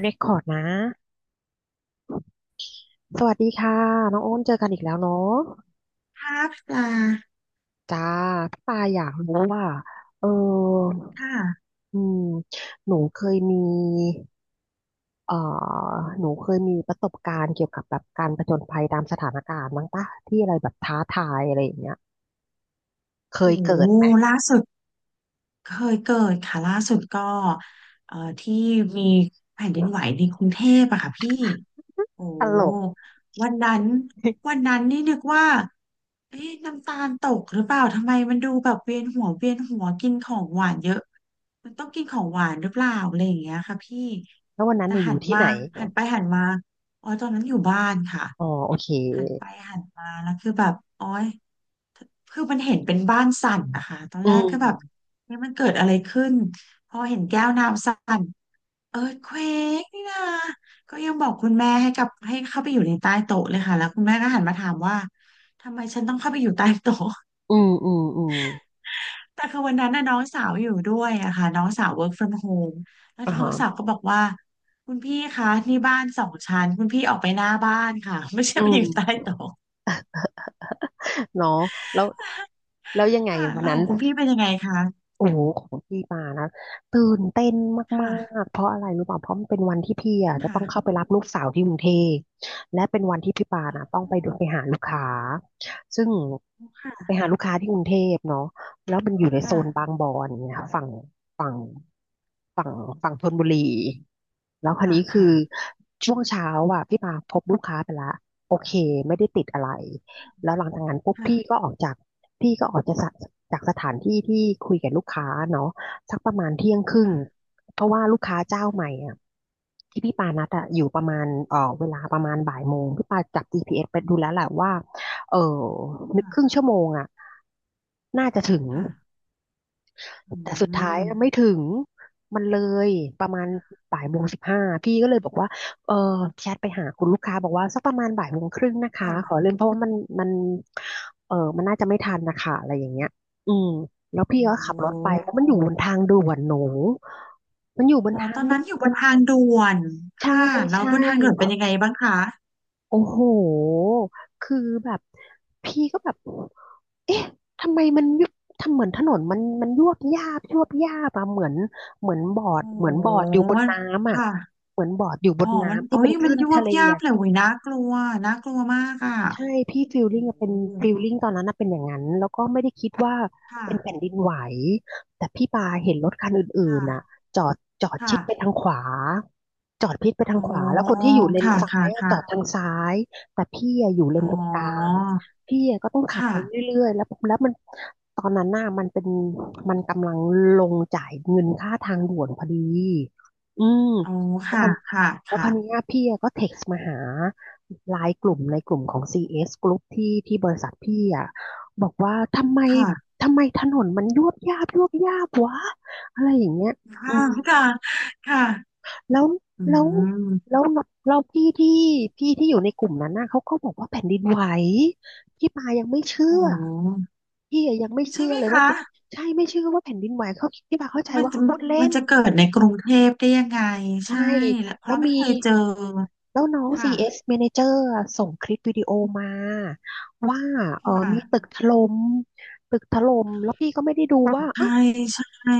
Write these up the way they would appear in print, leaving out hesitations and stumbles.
เรคคอร์ดนะสวัสดีค่ะน้องโอ้นเจอกันอีกแล้วเนาะภาพปลาจ้าพี่ปาอยากรู้ว่าเออค่ะอืมหนูเคยมีเอ่อหนูเคยมีประสบการณ์เกี่ยวกับแบบการผจญภัยตามสถานการณ์บ้างปะที่อะไรแบบท้าทายอะไรอย่างเงี้ยเคยโอ้โหเกิดไหมล่าสุดเคยเกิดค่ะล่าสุดก็ที่มีแผ่นดินไหวในกรุงเทพอะค่ะพี่ โอ้ตลกวันนั้นนี่นึกว่าเอ๊ะน้ำตาลตกหรือเปล่าทำไมมันดูแบบเวียนหัวกินของหวานเยอะมันต้องกินของหวานหรือเปล่าอะไรอย่างเงี้ยค่ะพี่แล้ววันนั้นแต่หนูอหัยู่นที่มาไหนหันไปหันมาอ๋อตอนนั้นอยู่บ้านค่ะอ๋อโอเคหันไปหันมาแล้วคือแบบอ๋อยคือมันเห็นเป็นบ้านสั่นนะคะตอนอืแรกมก็แบบนี่มันเกิดอะไรขึ้นพอเห็นแก้วน้ำสั่น เอิร์ธเควกนี่นะก็ยังบอกคุณแม่ให้กลับให้เข้าไปอยู่ในใต้โต๊ะเลยค่ะแล้วคุณแม่ก็หันมาถามว่าทำไมฉันต้องเข้าไปอยู่ใต้โต๊ะ อืมอืมอืมแต่คือวันนั้นน่ะน้องสาวอยู่ด้วยอะค่ะน้องสาว work from home แล้วอ่าน้องสาวฮะก็บอกว่าคุณพี่คะนี่บ้านสองชั้นคุณพี่ออกไปหน้าบ้านค่ะ ไม่ใช่อืไปอยู่ใต้มโต๊ะเนาะแล้วแล้วยังไงค่ะวันแล้วนั้ขน องคุณพี่เป็นยังไงคะโอ้โหของพี่มานะตื่นเต้นคมาก่ะๆเพราะอะไรรู้ป่ะเพราะมันเป็นวันที่พี่อ่ะจะต้องเข้าค่ะไปรับลูกสาวที่กรุงเทพและเป็นวันที่พี่ปานะต้องไปดูไปหาลูกค้าซึ่งไปค่ะหาลูกค้าที่กรุงเทพเนาะแล้วมันอยู่ในโซค่ะนบางบอนเนี่ยค่ะฝั่งฝั่งฝั่งธนบุรีแล้วคราวค่ะนี้คืค่ะอช่วงเช้าอ่ะพี่ปาพบลูกค้าไปละโอเคไม่ได้ติดอะไรแล้วหลังจากนั้นปุ๊บพี่ก็ค่ะออกจาก พี่ก็ออกจากจากสถานที่ที่คุยกับลูกค้าเนาะสักประมาณเที่ยงครึ่งค่ะเพราะว่าลูกค้าเจ้าใหม่อ่ะที่พี่ปานัดอะอยู่ประมาณเวลาประมาณบ่ายโมงพี่ปาจับจีพีเ p s ไปดูแล้วแหละว่าเออนึกครึ่งค่ะชั่วโมงอ่ะน่าจะถึง ค่ะอืแต่สุดท้ายมไม่ถึงมันเลยประมาณบ่ายโมงสิบห้าพี่ก็เลยบอกว่าเออแชทไปหาคุณลูกค้าบอกว่าสักประมาณบ่ายโมงครึ่งนะคะขอค่ะเลื่อนเพราะว่ามันมันมันน่าจะไม่ทันนะคะอะไรอย่างเงี้ยอืมแล้วพี่ก็ขัโอบรถไปแล้วมันอยู่บน้ ทางด่วนหนูมันอยู่บนอ๋อทาตงอนด่นั้นอยู่วบนนทางด่วนใช่ค่ะแล้วใช่ บนทางด่วนเป็นยังไงบ้างคะโอ้โห คือแบบพี่ก็แบบ เอ๊ะ ทำไมมันยุบทำเหมือนถนนมันยวบยาบยวบยาบอะเหมือนเหมือนบอร์ดโอ้เหมืโหอนบอร์ดอยู่บนมันน้ำอะค่ะเหมือนบอร์ดอยู่บอ๋อนมันน้ำที่โอ้เป็ยนคมันลื่นยวทะบเลยับอะ เลยโอ้ยน่ากลัวน่ากลัวมากอ่ะใช่พี่โอ้โหฟีลลิ่งตอนนั้นนะเป็นอย่างนั้นแล้วก็ไม่ได้คิดว่าค่ะเป็นแผ่นดินไหวแต่พี่ปาเห็นรถคันอื่ค่ะนๆน่ะจอดจอดชิดไปค่ะทางขวาจอดพิดไปทาอ๋งขวาแล้วอคนที่อยู่เลนค่ะซ้าค่ะยอะจอดค่ะทางซ้ายแต่พี่อะอยู่เลอ๋นตรงกลางอพี่อะก็ต้องขับไปค่ะเรื่อยๆแล้วมันตอนนั้นน่ะมันเป็นมันกำลังลงจ่ายเงินค่าทางด่วนพอดีอืมอ๋อแล้วคค่ะนค่ะแล้วค่ะคนนี้ยพี่อะก็เท็กซ์มาหา ไลน์กลุ่มในกลุ่มของ CS Group ที่ที่บริษัทพี่อ่ะบอกว่าทำไมค่ะทำไมถนนมันยวบยาบยวบยาบวะอะไรอย่างเงี้ยอืค่ะมค่ะค่ะแล้วอืแล้วมแล้วเราพี่ที่อยู่ในกลุ่มนั้นน่ะเขาก็บอกว่าแผ่นดินไหวพี่ปายังไม่เชื่โอ้อโหพี่อะยังไม่ใช่เชื่อไหมเลยว่าคะ เป็นใช่ไม่เชื่อว่าแผ่นดินไหวเขาพี่ปาเข้าใจมันว่าจะเขาพูดเล่มันนจะเกิดในกรุงเทพได้ยังไงใช่ใช่และเพแล้วราะไม่มี เคยเจอแล้วน้อง ค่ะ CS Manager อะส่งคลิปวิดีโอมาว่าคเออมีตึ่ะกถล่มแล้วพี่ก็ไม่ได้ดูว่าใช่เอ้าใช่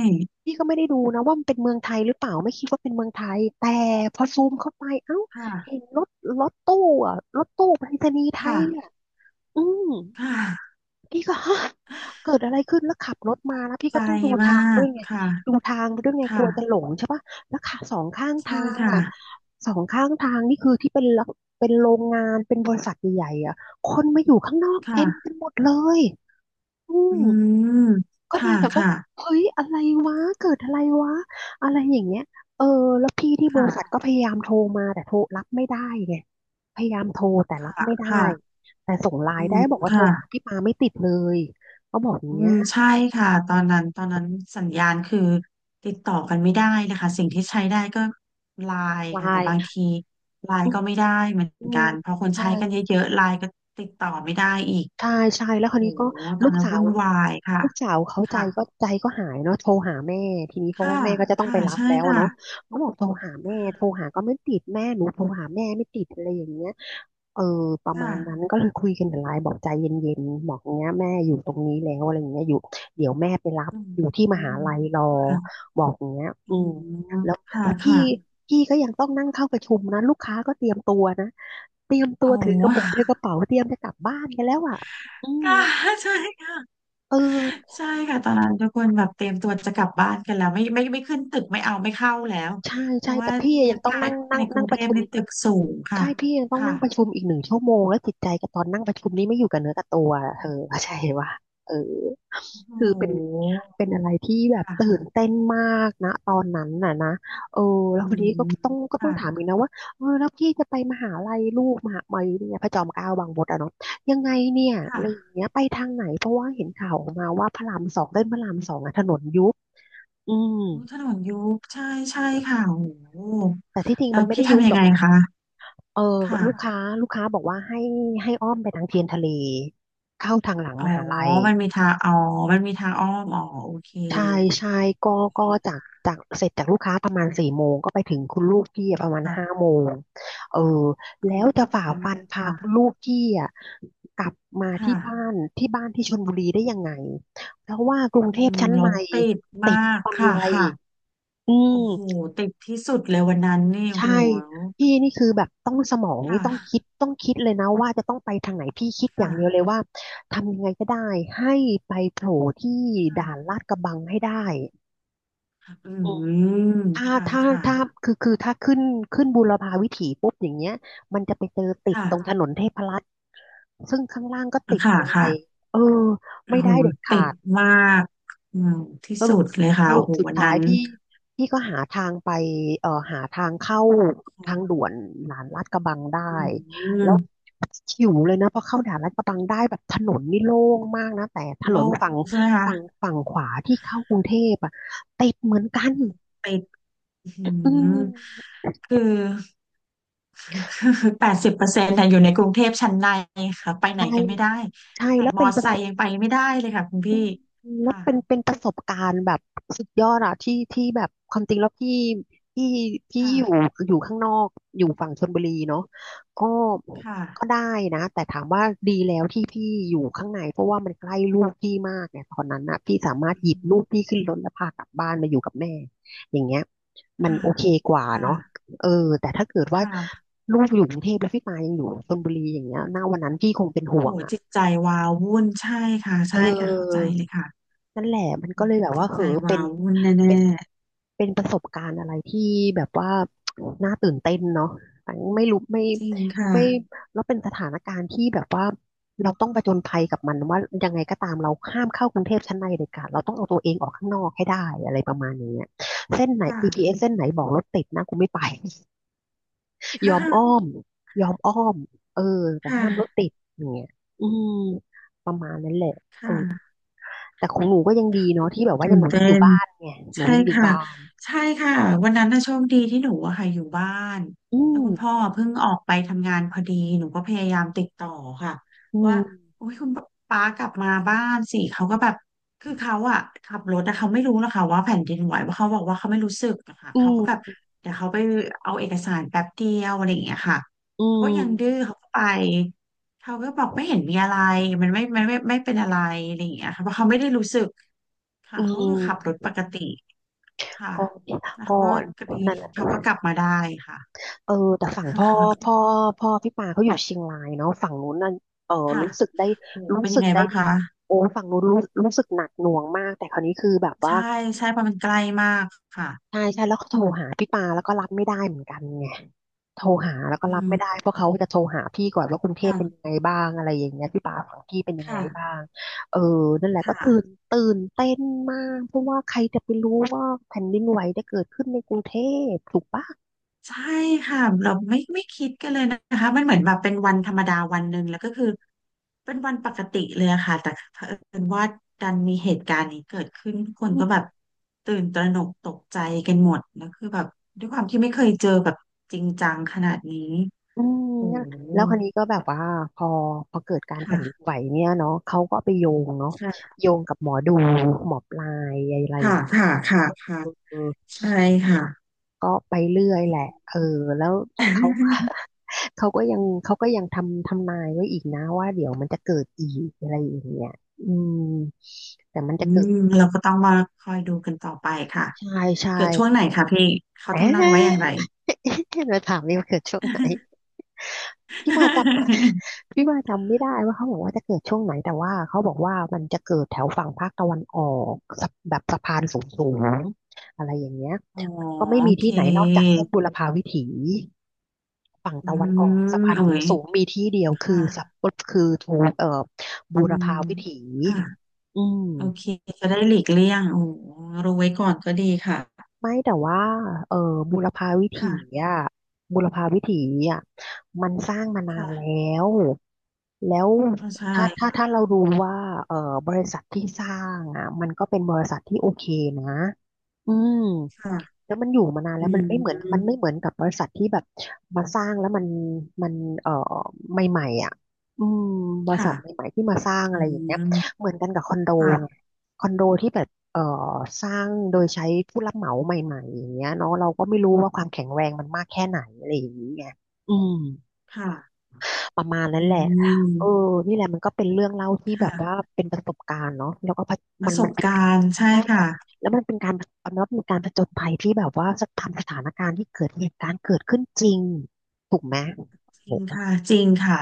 พี่ก็ไม่ได้ดูนะว่ามันเป็นเมืองไทยหรือเปล่าไม่คิดว่าเป็นเมืองไทยแต่พอซูมเข้าไปเอ้าค่ะเห็นรถตู้รถตู้ไปรษณีย์ไทยค่ะอ่ะอืม ค่ะพี่ก็ ฮะเกิดอะไรขึ้นแล้วขับรถมาแล้วพี่ใจก็ต้องมากดูค่ะทางไปด้วยไงกลัวจะหลค่ะงใช่ปะแล้วขาใช่ค่ะสองข้างทางนี่คือที่เป็นละเป็นโรงงานเป็นบริษัทใหญ่ๆอ่ะคนมาอยู่ข้างนอกเต็มกัค่ะนหมดเลยอือืม มก็เลค่ะยแบบว่าค่ะเฮ้ยอะไรวะเกิดอะไรวะอะไรอย่างเงี้ยเออแล้วพี่ที่บริษัทค่ะก็พยายามโทรมาแต่โทรรับไม่ได้ไงพยายามโทรแต่รับค่ะไม่ได้ค่ะแต่ส่งไลอืน์ได้มบอกว่าโทรค่ะ หาพี่ปาไม่ติดเลยเขาบอกอย่าอืงเงี้มยใช่ค่ะตอนนั้นสัญญาณคือติดต่อกันไม่ได้นะคะสิ่งที่ใช้ได้ก็ไลน์ไลค่ะแต่น์บางทีไลอืน์มก็ไม่ได้เหมืออืนมกันเพราะคนใช่ใช้กันเยอะๆไลน์ก็ติดต่อไม่ได้อีกใช่ใช่แล้วคราโหวนี้ก็ตอลูนกนั้นสาวุ่วนวายค่ะลูกสาวเขาค่ะใจก็หายเนาะโทรหาแม่ทีนี้เพราะว่าค่ะแม่ก็จะต้องไปค่ะรับใช่แล้วอะค่ะเนาะเขาบอกโทรหาแม่โทรหาก็ไม่ติดแม่หนูโทรหาแม่ไม่ติดอะไรอย่างเงี้ย เออประมาณนั้นค่ะก็เลยคุยกันแต่ไลน์บอกใจเย็นๆบอกเนี้ยแม่อยู่ตรงนี้แล้วอะไรอย่างเงี้ยอยู่เดี๋ยวแม่ไปรับอืมอยู่ที่มอืหามลัยรอค่ะบอกอย่างเงี้ยอือืมมแล้วค่ะแล้วพี่ค่ะพี่ก็ยังต้องนั่งเข้าประชุมนะลูกค้าก็เตรียมตัวนะเตรียมตัวโอ้ ถือกระเป๋าเตรียมจะกลับบ้านกันแล้วอ่ะอื มค่ะใช่ค่ะ เออใช่ค่ะตอนนั้นทุกคนแบบเตรียมตัวจะกลับบ้านกันแล้วไม่ขึ้นตึกไม่เอาไม่เข้าแล้วใช่เพใช่ราะแต่ว่าพี่ยังต้องถ้านั่งนั่งในกรุนั่งงปเทระพชุม ในตึกสูงค่ะใช่พี่ยังต้องค่ะนั่งประชุมอีก1 ชั่วโมงแล้วจิตใจกับตอนนั่งประชุมนี้ไม่อยู่กับเนื้อกับตัวอะเธโอ้อเข้าใจว่าเออโคือเป็นหเป็นอะไรที่แบบค่ะตื่นเต้นมากนะตอนนั้นน่ะนะเอออืแล้วทีนี้ก็มต้องก็ต้อค่ะงถามอีกนะว่าเออแล้วพี่จะไปมหาลัยลูกมหาลัยเนี่ยพระจอมเกล้าบางบดอะเนาะยังไงเนี่ยอะไรอย่างค่ะเงี้ยไปทางไหนเพราะว่าเห็นข่าวออกมาว่าพระรามสองเส้นพระรามสองอะถนนยุบอืมโอ้ถนนยุบใช่ใช่ค่ะโอ้โหแต่ที่จริงแล้มัวนไม่พี่ได้ยุบทำยัหรงอไงกนะ คะเออลูกค้าค่ะลูกค้าบอกว่าให้อ้อมไปทางเทียนทะเลเข้าทางหลังอ๋อมหาลัยมันมีทางอ๋อมันมีทางอ้อมอ๋อโอเคใช่ใช่ก็โอก็เคจากจากเสร็จจากลูกค้าประมาณ4 โมงก็ไปถึงคุณลูกพี่อะประมาณห้าค่ะโมงเอออืแล้วจะฝ่ามฟันพาคุณค่ะลูกพี่อะกลับมาที่บ้าค่ะนที่บ้านที่ชลบุรีได้ยังไงเพราะว่ากรุงอืเทพมชั้นรในถติดมาติดกฟันค่ะไลค่ะ อืโอ้โหม ติดที่สุดเลยวันนั้นนี่โอ้โหใช่พี่นี่คือแบบต้องสมองนี่ค่ะต้องคิดต้องคิดเลยนะว่าจะต้องไปทางไหนพี่คิดอย่าค่ะงเดียวเลยว่าทำยังไงก็ได้ให้ไปโผล่ที่ด่านค่ะลาดกระบังให้ได้อือืมมถ้าค่ะถ้าค่ะถ้าคือถ้าขึ้นบูรพาวิถีปุ๊บอย่างเงี้ยมันจะไปเจอติดตรงถค่ะนนเทพรัตน์ซึ่งข้างล่างก็ติดค่ะบันไลค่ะเออโอ้ไม่โหได้เด็ดติขาดด มากอืมที่สสุรุปดเลยสค่ะรุโอ้ปโหสุดวันท้านั้ยนพี่ก็หาทางไปหาทางเข้าทางค่ะด่วนหลานลาดกระบังอืได้แล้วมหิวเลยนะพอเข้าด่านลาดกระบังได้แบบถนนนี่โล่งมากนะแต่ถนโล่นงฝั่งใช่ไหมคะฝั่งขวาที่เข้ากรุงเทพอะติดเหมือนกันติดอือืมมคือ คือ80%อยู่ในกรุงเทพชั้นในค่ะไปไหนใช่กันไม่ได้ใช่ขนาดมอไซค์ยังไปไม่ได้เลยค่ะคุณพี่แล้วค่ะเป็นประสบการณ์แบบสุดยอดอะที่ที่แบบความจริงแล้วพี่พี่ค่ะอยู่ข้างนอกอยู่ฝั่งชลบุรีเนาะก็คก็่ะ ได้นะแต่ถามว่าดีแล้วที่พี่อยู่ข้างในเพราะว่ามันใกล้ลูกพี่มากเนี่ยตอนนั้นนะพี่สามารถหยิบลูกพี่ขึ้นรถแล้วพากลับบ้านมาอยู่กับแม่อย่างเงี้ยมันค่ะโอเคกว่าเนาะค่ะ เออแต่ถ้าเกิดว่าค่ะลูกอยู่กรุงเทพแล้วพี่ปายังอยู่ชลบุรีอย่างเงี้ยหน้าวันนั้นพี่คงเป็นโอ้ห่โหวงอะจิตใจวาวุ่นใช่ค่ะ เใช่ค่ะเข้าใจออ เลยค่ะนั่นแหละมันก็โอ้เลโหยแบบจิว่าตเหใจอเป็วานวุ่นเป็แน่นเป็นประสบการณ์อะไรที่แบบว่า น่าตื่นเต้นเนาะต่ไม่รู้ไม่ๆจริงค่ะ ไม่แล้วเป็นสถานการณ์ที่แบบว่าเราต้องผจญภัยกับมันว่ายังไงก็ตามเราห้ามเข้ากรุงเทพชั้นในเด็ดขาดเราต้องเอาตัวเองออกข้างนอกให้ได้อะไรประมาณอย่างเงี้ยเส้นไหน ค่ะ GPS เอสเส้นไหนบอกรถติดนะกูไม่ไป ยอค่ะมอ้อมยอมอ้อมเออแต่ค่ห้ามรถติะดอย่างเงี้ยอืมประมาณนั้นแหละคเออ ่ะแต่ของหนูก็ยังดีเนาะที่แบบว่าตื่ยังนหนูเต้ยังอยู่น บ้านไงหนูใช่ยังอยู่ค่ะบ้านใช่ค่ะวันนั้นน่ะโชคดีที่หนูอะค่ะอยู่บ้านอืแล้วมคุณพ่อเพิ่งออกไปทำงานพอดีหนูก็พยายามติดต่อค่ะอืว่ามโอ้ยคุณป้ากลับมาบ้านสิเขาก็แบบคือเขาอะขับรถแต่เขาไม่รู้นะคะว่าแผ่นดินไหวว่าะเขาบอกว่าเขาไม่รู้สึกอะค่ะอืเขาก็แบบมเดี๋ยวเขาไปเอาเอกสารแป๊บเดียวอะไรอย่างเงี้ยค่ะอืเขาก็ยังดื้อมเขาก็ไปเขาก็บอกไม่เห็นมีอะไรมันไม่เป็นอะไรอะไรอย่างเงี้ยค่ะเพราะเขาไม่ได้รู้สึกค่ะอืเขาก็คือขับรถมปกติ ค่ะก่อนแล้วก่เขาก็อนกรีดนั่นแหเขาละก็กลับมาได้ค่ะ เออแต่ฝั่งพ่อพ่อ พ่อพี่ปาเขาอยู่เชียงรายเนาะฝั่งนู้นน่ะเออค่ะรู้สึกได้โอ้รู้เป็นยัสึงกไงได้บ้างดีคะโอ้ฝั่งนู้นรู้สึกหนักหน่วงมากแต่คราวนี้คือแบบว่าใช่ใช่เพราะมันใกล้มากค่ะใช่ใช่แล้วเขาโทรหาพี่ปาแล้วก็รับไม่ได้เหมือนกันไง โทรหาแล้วก็อืรับไม่ได้มเพราะเขาจะโทรหาพี่ก่อนว่ากรุงเทพเป็นยังค่ะไงบ้างอะไรอย่างเงี้ยพี่ป่าฝั่งพี่เป็นยังไงค่ะบ้างเออนั่นแหละคก็ตื่น่ะเต้นมากเพราะว่าใครจะไปรู้ว่าแผ่นดินไหวจะเกิดขึ้นในกรุงเทพถูกปะใช่ค่ะเราไม่ไม่คิดกันเลยนะคะมันเหมือนแบบเป็นวันธรรมดาวันหนึ่งแล้วก็คือเป็นวันปกติเลยอะค่ะแต่เผอิญว่าดันมีเหตุการณ์นี้เกิดขึ้นทุกคนอืก็แบบมตื่นตระหนกตกใจกันหมดแล้วคือแบบด้วยความที่ไม่เคยเจอแบบจริงจังขนาดนี้อโอ้ เนี่ยแล้วคราวนี้ก็แบบว่าพอเกิดการแผ่ค่ะนดินไหวเนี่ยเนาะเขาก็ไปโยงเนาะค่ะโยงกับหมอดูหมอปลายอะไรอย่าค่ะงเงี้ยค่ะค่ะค่ะ เออ ใช่ค่ะ ก็ไปเรื่อยแหละเออแล้วเขา เขาก็ยังเขาก็ยังทำนายไว้อีกนะว่าเดี๋ยวมันจะเกิดอีกอะไรอย่างเงี้ยอืมแต่มันอืจะเกิดมเราก็ต้องมาคอยดูกันต่อไปค่ะ ใช่ใช่เกิดช่วงไหนคะพี่ เขาแอทำนายไว้อย่างะ ไร มาถามนี่ว่าเกิดช่วงไหนพี่มาจ ำพี่มาจำไม่ได้ว่าเขาบอกว่าจะเกิดช่วงไหนแต่ว่าเขาบอกว่ามันจะเกิดแถวฝั่งภาคตะวันออกสะแบบสะพานสูงๆอะไรอย่างเงี้ยอ๋อก็ไม่โอมีเคที่ไหนนอกจากเส้นบุรพาวิถี ฝั่งอืตะวันออกสะมพานโอ้ขูงยสูงมีที่เดียวคืค่ะอสับคือทูเอ่ออืบูรพามวิถีค่ะอืมโอเค จะได้หลีกเลี่ยงโอ้รู้ไว้ก่อนก็ดีค่ะไม่แต่ว่าเออบูรพาวิถีค่ะ อ่ะบูรพาวิถีอ่ะมันสร้างมานานแล้ค่ะวแล้วเข้าใจถ้าเราดูว่าเออบริษัทที่สร้างอ่ะมันก็เป็นบริษัทที่โอเคนะอืม ค่ะแล้วมันอยู่มานานอืแล้วมมันไม่เหมือนกับบริษัทที่แบบมาสร้างแล้วมันเอ่อใหม่ๆอ่ะอืมบริษัทค่ะใหม่ๆที่มาสร้างอะอืไรอย่างเงี้ยมเหมือนกันกับคอนโดไงค่ะคอนโดที่แบบสร้างโดยใช้ผู้รับเหมาใหม่ๆอย่างเงี้ยเนาะเราก็ไม่รู้ว่าความแข็งแรงมันมากแค่ไหนอะไรอย่างนี้ไงอืมค่ะประมาณนั้อืนแหละม เออนี่แหละมันก็เป็นเรื่องเล่าที่แบบว่าค่ะเป็นประสบการณ์เนาะแล้วก็ปมัระนสมับนเป็น การณ์ใช่ใช่แล้วค่ะแล้วมันเป็นการเอาเนับเป็นการผจญภัยที่แบบว่าจะทำสถานการณ์ที่เกิดเหตุการณ์เกิดขึ้นจริงถูกไหมจโหริงค่ะจริงค่ะ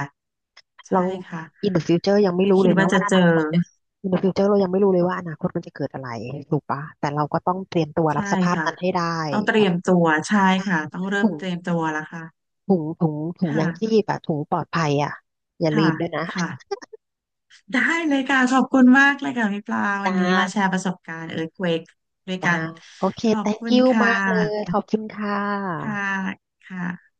เรา ใช่ค่ะ in the future ยังไม่ไม่รู้คิเลดยนะว่าจะว่าอเจอนาคต in the future เรายังไม่รู้เลยว่าอนาคตมันจะเกิดอะไรถูกปะแต่เราก็ต้องเตรียมตัวรัใช่บสภาพค่ะนั้นให้ได้ต้องเตแบรีบยมตัวใช่ค่ะต้องเริ่ถุมงเตรียมตัวแล้วค่ะถุงยังชีค่ะพอะถุงปลอดภัยอะอย่าค่ะลืมด้วยนะค่ะได้เลยค่ะขอบคุณมากเลยค่ะพี่ปลาวัจ้านนี้มาแชร์ประสบการณ์เอิร์ธเวกด้วยกัจ้านโอเค ขอบ thank คุณ you ค่มากเลยขะอบคุณค่ะค่ะค่ะ